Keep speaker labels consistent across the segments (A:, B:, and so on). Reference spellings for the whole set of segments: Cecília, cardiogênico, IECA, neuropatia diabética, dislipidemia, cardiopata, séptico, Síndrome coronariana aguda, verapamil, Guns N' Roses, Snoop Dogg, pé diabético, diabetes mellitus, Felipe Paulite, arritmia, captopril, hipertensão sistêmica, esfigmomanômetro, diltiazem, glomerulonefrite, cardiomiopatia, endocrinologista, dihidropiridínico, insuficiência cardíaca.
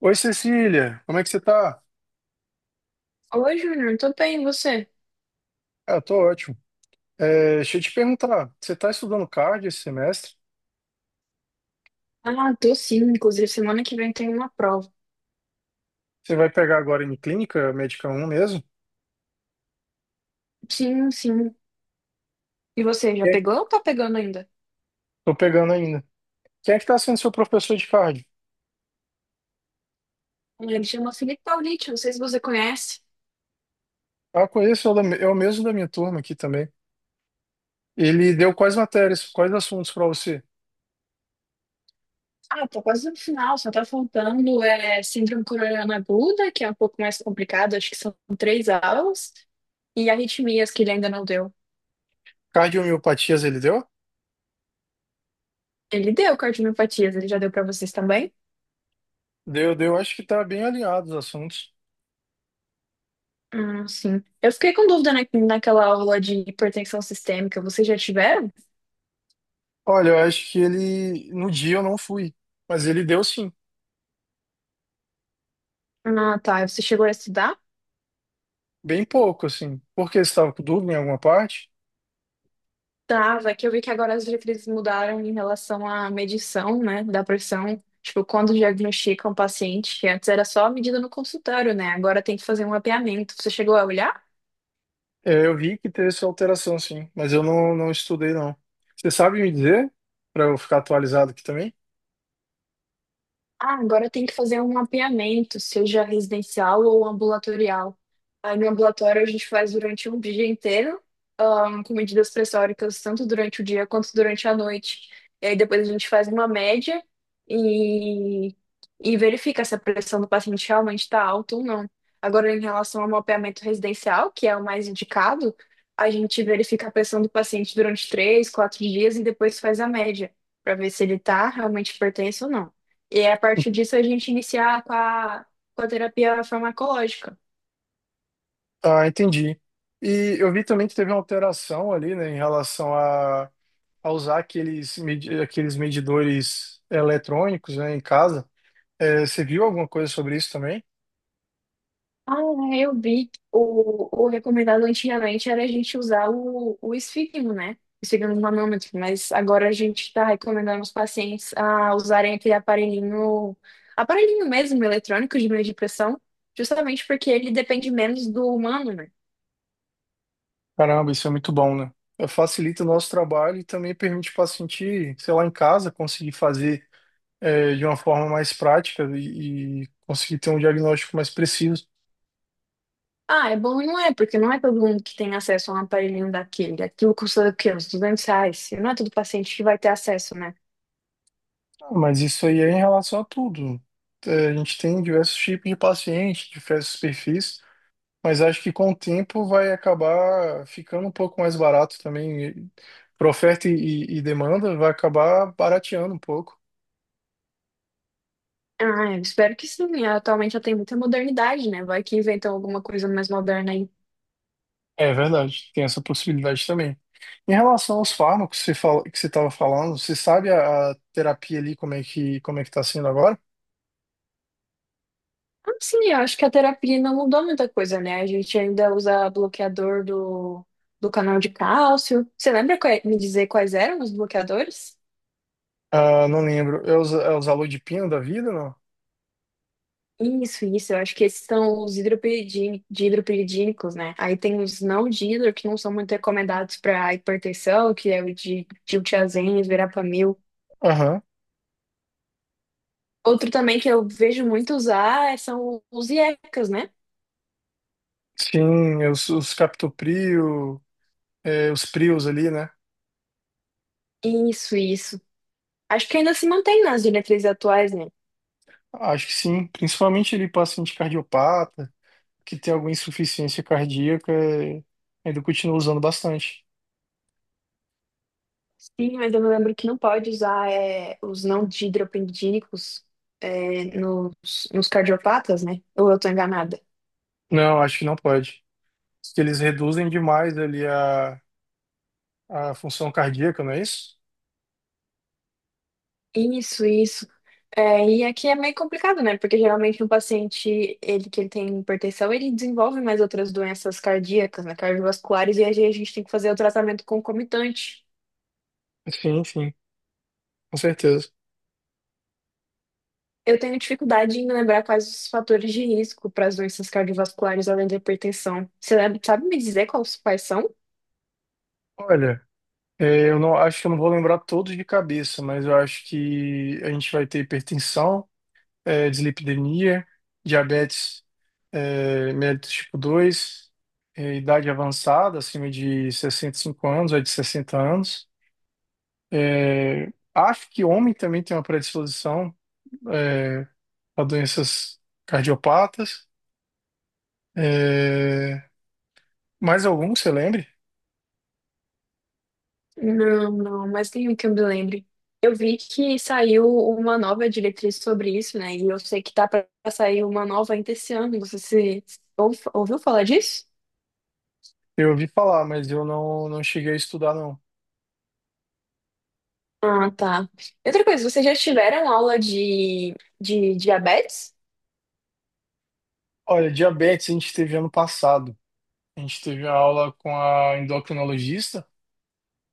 A: Oi, Cecília, como é que você tá?
B: Oi, Júnior, tô bem, e você?
A: Ah, eu tô ótimo. É, deixa eu te perguntar, você tá estudando card esse semestre?
B: Ah, tô sim, inclusive semana que vem tem uma prova.
A: Você vai pegar agora em clínica, médica 1 mesmo?
B: Sim, sim. E você, já
A: É.
B: pegou ou tá pegando ainda?
A: Tô pegando ainda. Quem é que tá sendo seu professor de card?
B: Ele chama Felipe Paulite, não sei se você conhece.
A: Ah, conheço, é o mesmo da minha turma aqui também. Ele deu quais matérias, quais assuntos pra você?
B: Ah, tô quase no final, só tá faltando Síndrome coronariana aguda, que é um pouco mais complicado, acho que são três aulas, e arritmias, que ele ainda não deu.
A: Cardiomiopatias ele deu?
B: Ele deu cardiomiopatias, ele já deu pra vocês também?
A: Deu, deu, acho que tá bem alinhado os assuntos.
B: Ah, sim. Eu fiquei com dúvida naquela aula de hipertensão sistêmica, vocês já tiveram?
A: Olha, eu acho que ele, no dia eu não fui, mas ele deu sim,
B: Ah, tá, você chegou a estudar?
A: bem pouco assim. Por que você estava com dúvida em alguma parte?
B: Tava, que eu vi que agora as diretrizes mudaram em relação à medição, né, da pressão. Tipo, quando diagnostica um paciente, que antes era só medida no consultório, né? Agora tem que fazer um mapeamento. Você chegou a olhar?
A: É, eu vi que teve essa alteração, sim, mas eu não, não estudei, não. Você sabe me dizer, para eu ficar atualizado aqui também?
B: Ah, agora tem que fazer um mapeamento, seja residencial ou ambulatorial. Aí no ambulatório a gente faz durante um dia inteiro, com medidas pressóricas, tanto durante o dia quanto durante a noite. E aí depois a gente faz uma média e, e verifica se a pressão do paciente realmente está alta ou não. Agora, em relação ao mapeamento residencial, que é o mais indicado, a gente verifica a pressão do paciente durante 3, 4 dias e depois faz a média, para ver se ele está realmente hipertenso ou não. E a partir disso a gente iniciar com a terapia farmacológica.
A: Ah, entendi. E eu vi também que teve uma alteração ali, né, em relação a, usar aqueles, aqueles medidores eletrônicos, né, em casa. É, você viu alguma coisa sobre isso também?
B: Ah, é, eu vi. O recomendado antigamente era a gente usar o esfigmo, né? Esfigmo manômetro, mas agora a gente está recomendando os pacientes a usarem aquele aparelhinho, aparelhinho mesmo, eletrônico de meio de pressão, justamente porque ele depende menos do humano, né?
A: Caramba, isso é muito bom, né? É, facilita o nosso trabalho e também permite o paciente, sei lá, em casa, conseguir fazer de uma forma mais prática e conseguir ter um diagnóstico mais preciso.
B: Ah, é bom e não é, porque não é todo mundo que tem acesso a um aparelhinho daquele. Aquilo custa o quê? Uns R$ 200. E não é todo paciente que vai ter acesso, né?
A: Ah, mas isso aí é em relação a tudo. É, a gente tem diversos tipos de paciente, diversos perfis, mas acho que com o tempo vai acabar ficando um pouco mais barato também. Para oferta e, e demanda, vai acabar barateando um pouco.
B: Ah, eu espero que sim. Atualmente já tem muita modernidade, né? Vai que inventam alguma coisa mais moderna aí.
A: É verdade, tem essa possibilidade também. Em relação aos fármacos que você fala, que você estava falando, você sabe a, terapia ali como é que está sendo agora?
B: Ah, sim, eu acho que a terapia não mudou muita coisa, né? A gente ainda usa bloqueador do canal de cálcio. Você lembra me dizer quais eram os bloqueadores?
A: Ah, não lembro. É os alô de pino da vida, não?
B: Isso, isso. Eu acho que esses são os dihidropiridínicos, né? Aí tem os não dihidro, que não são muito recomendados para hipertensão, que é o de diltiazem, verapamil.
A: Aham.
B: Outro também que eu vejo muito usar são os IECAs, né?
A: Sim, é os captoprio, os prios ali, né?
B: Isso, isso. Acho que ainda se mantém nas diretrizes atuais, né?
A: Acho que sim. Principalmente ele paciente cardiopata, que tem alguma insuficiência cardíaca, ainda continua usando bastante.
B: Sim, mas eu me lembro que não pode usar os não didropendídicos é, nos, nos cardiopatas, né? Ou eu tô enganada?
A: Não, acho que não pode. Porque eles reduzem demais ali a função cardíaca, não é isso?
B: Isso, isso. É, e aqui é meio complicado, né? Porque geralmente um paciente, ele que ele tem hipertensão, ele desenvolve mais outras doenças cardíacas, né? Cardiovasculares, e aí a gente tem que fazer o tratamento concomitante.
A: Sim, sim, com certeza.
B: Eu tenho dificuldade em lembrar quais os fatores de risco para as doenças cardiovasculares além da hipertensão. Você sabe me dizer quais são?
A: Olha, eu não acho que eu não vou lembrar todos de cabeça, mas eu acho que a gente vai ter hipertensão, dislipidemia, diabetes mellitus tipo 2, idade avançada, acima de 65 anos ou de 60 anos. Acho que homem também tem uma predisposição é, a doenças cardiopatas. É, mais algum que você lembre?
B: Não, não, mas nenhum que eu me lembre. Eu vi que saiu uma nova diretriz sobre isso, né? E eu sei que tá para sair uma nova ainda esse ano. Você se, ouv- ouviu falar disso?
A: Eu ouvi falar, mas eu não, não cheguei a estudar, não.
B: Ah, tá. E outra coisa, vocês já tiveram aula de diabetes?
A: Olha, diabetes a gente teve ano passado. A gente teve a aula com a endocrinologista.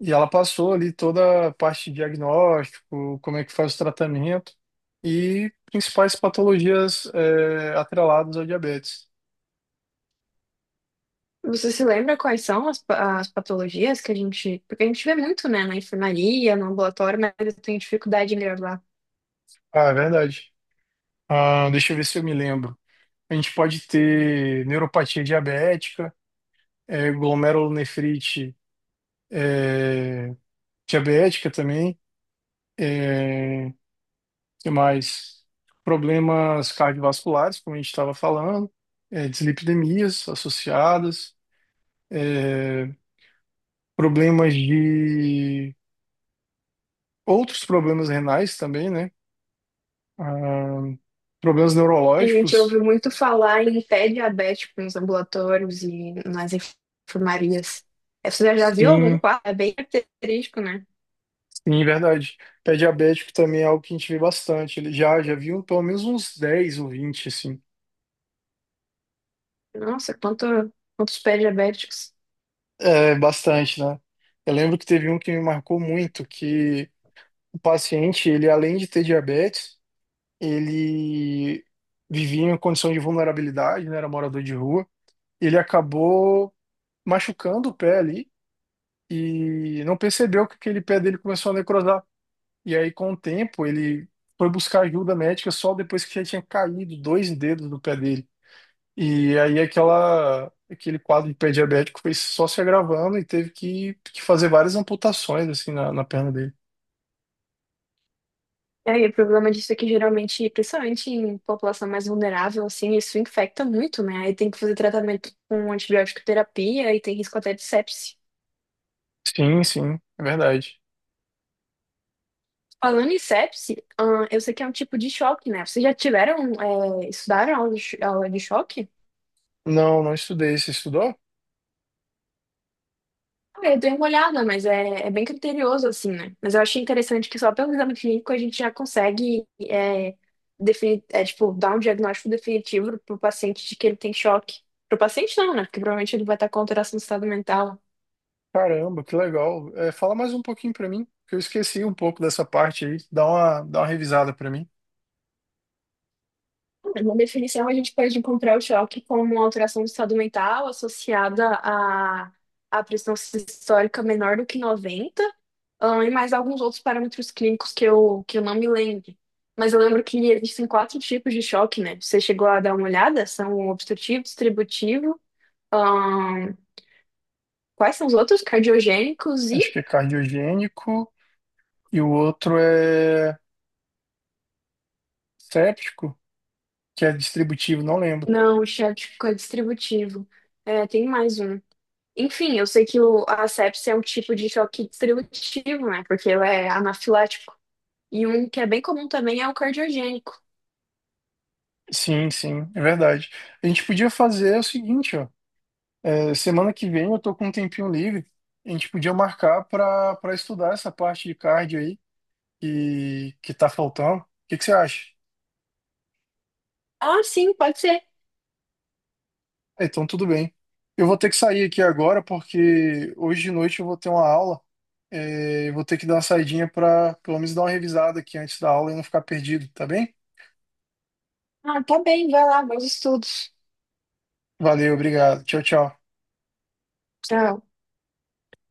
A: E ela passou ali toda a parte de diagnóstico, como é que faz o tratamento e principais patologias atreladas ao diabetes.
B: Você se lembra quais são as patologias que a gente. Porque a gente vê muito, né, na enfermaria, no ambulatório, mas eu tenho dificuldade em gravar.
A: Ah, é verdade. Ah, deixa eu ver se eu me lembro. A gente pode ter neuropatia diabética, glomerulonefrite é, diabética também. É, que mais? Problemas cardiovasculares, como a gente estava falando, dislipidemias associadas. Eh, problemas de outros problemas renais também, né? Ah, problemas
B: A gente ouve
A: neurológicos.
B: muito falar em pé diabético nos ambulatórios e nas enfermarias. Você já viu algum
A: Sim,
B: quadro? É bem característico, né?
A: sim, verdade. Pé diabético também é algo que a gente vê bastante. Ele já viu pelo menos uns 10 ou 20 assim.
B: Nossa, quantos pés diabéticos.
A: É, bastante, né? Eu lembro que teve um que me marcou muito, que o paciente, ele além de ter diabetes, ele vivia em uma condição de vulnerabilidade, né? Era morador de rua. Ele acabou machucando o pé ali e não percebeu que aquele pé dele começou a necrosar. E aí, com o tempo, ele foi buscar ajuda médica só depois que já tinha caído dois dedos do pé dele. E aí, aquele quadro de pé diabético foi só se agravando e teve que fazer várias amputações assim na perna dele.
B: É, e aí, o problema disso é que geralmente, principalmente em população mais vulnerável, assim, isso infecta muito, né? Aí tem que fazer tratamento com antibiótico terapia e tem risco até de sepse.
A: Sim, sim, é verdade.
B: Falando em sepse, eu sei que é um tipo de choque, né? Vocês já tiveram, estudaram aula aula de choque?
A: Não, não estudei. Você estudou?
B: Ah, eu dei uma olhada, mas é bem criterioso, assim, né? Mas eu achei interessante que só pelo exame clínico a gente já consegue, tipo, dar um diagnóstico definitivo pro paciente de que ele tem choque. Pro paciente não, né? Porque provavelmente ele vai estar com alteração do estado mental.
A: Caramba, que legal. É, fala mais um pouquinho pra mim, que eu esqueci um pouco dessa parte aí. Dá uma revisada pra mim.
B: Na definição, a gente pode encontrar o choque como uma alteração do estado mental associada a pressão sistólica menor do que 90. Ah, e mais alguns outros parâmetros clínicos que eu não me lembro. Mas eu lembro que existem quatro tipos de choque, né? Você chegou a dar uma olhada? São o obstrutivo, distributivo. ahn, Quais são os outros? Cardiogênicos
A: Acho
B: e.
A: que é cardiogênico. E o outro é séptico, que é distributivo, não lembro.
B: Não, o choque é distributivo. É, tem mais um. Enfim, eu sei que a sepsia é um tipo de choque distributivo, né? Porque ela é anafilático. E um que é bem comum também é o cardiogênico.
A: Sim, sim, é verdade. A gente podia fazer o seguinte, ó. Semana que vem eu tô com um tempinho livre. A gente podia marcar para estudar essa parte de cardio aí que tá faltando. O que que você acha?
B: Ah, sim, pode ser.
A: Ah, então, tudo bem. Eu vou ter que sair aqui agora porque hoje de noite eu vou ter uma aula. É, eu vou ter que dar uma saidinha para pelo menos dar uma revisada aqui antes da aula e não ficar perdido, tá bem?
B: Ah, tá bem, vai lá, bons estudos.
A: Valeu, obrigado. Tchau, tchau.
B: Tchau.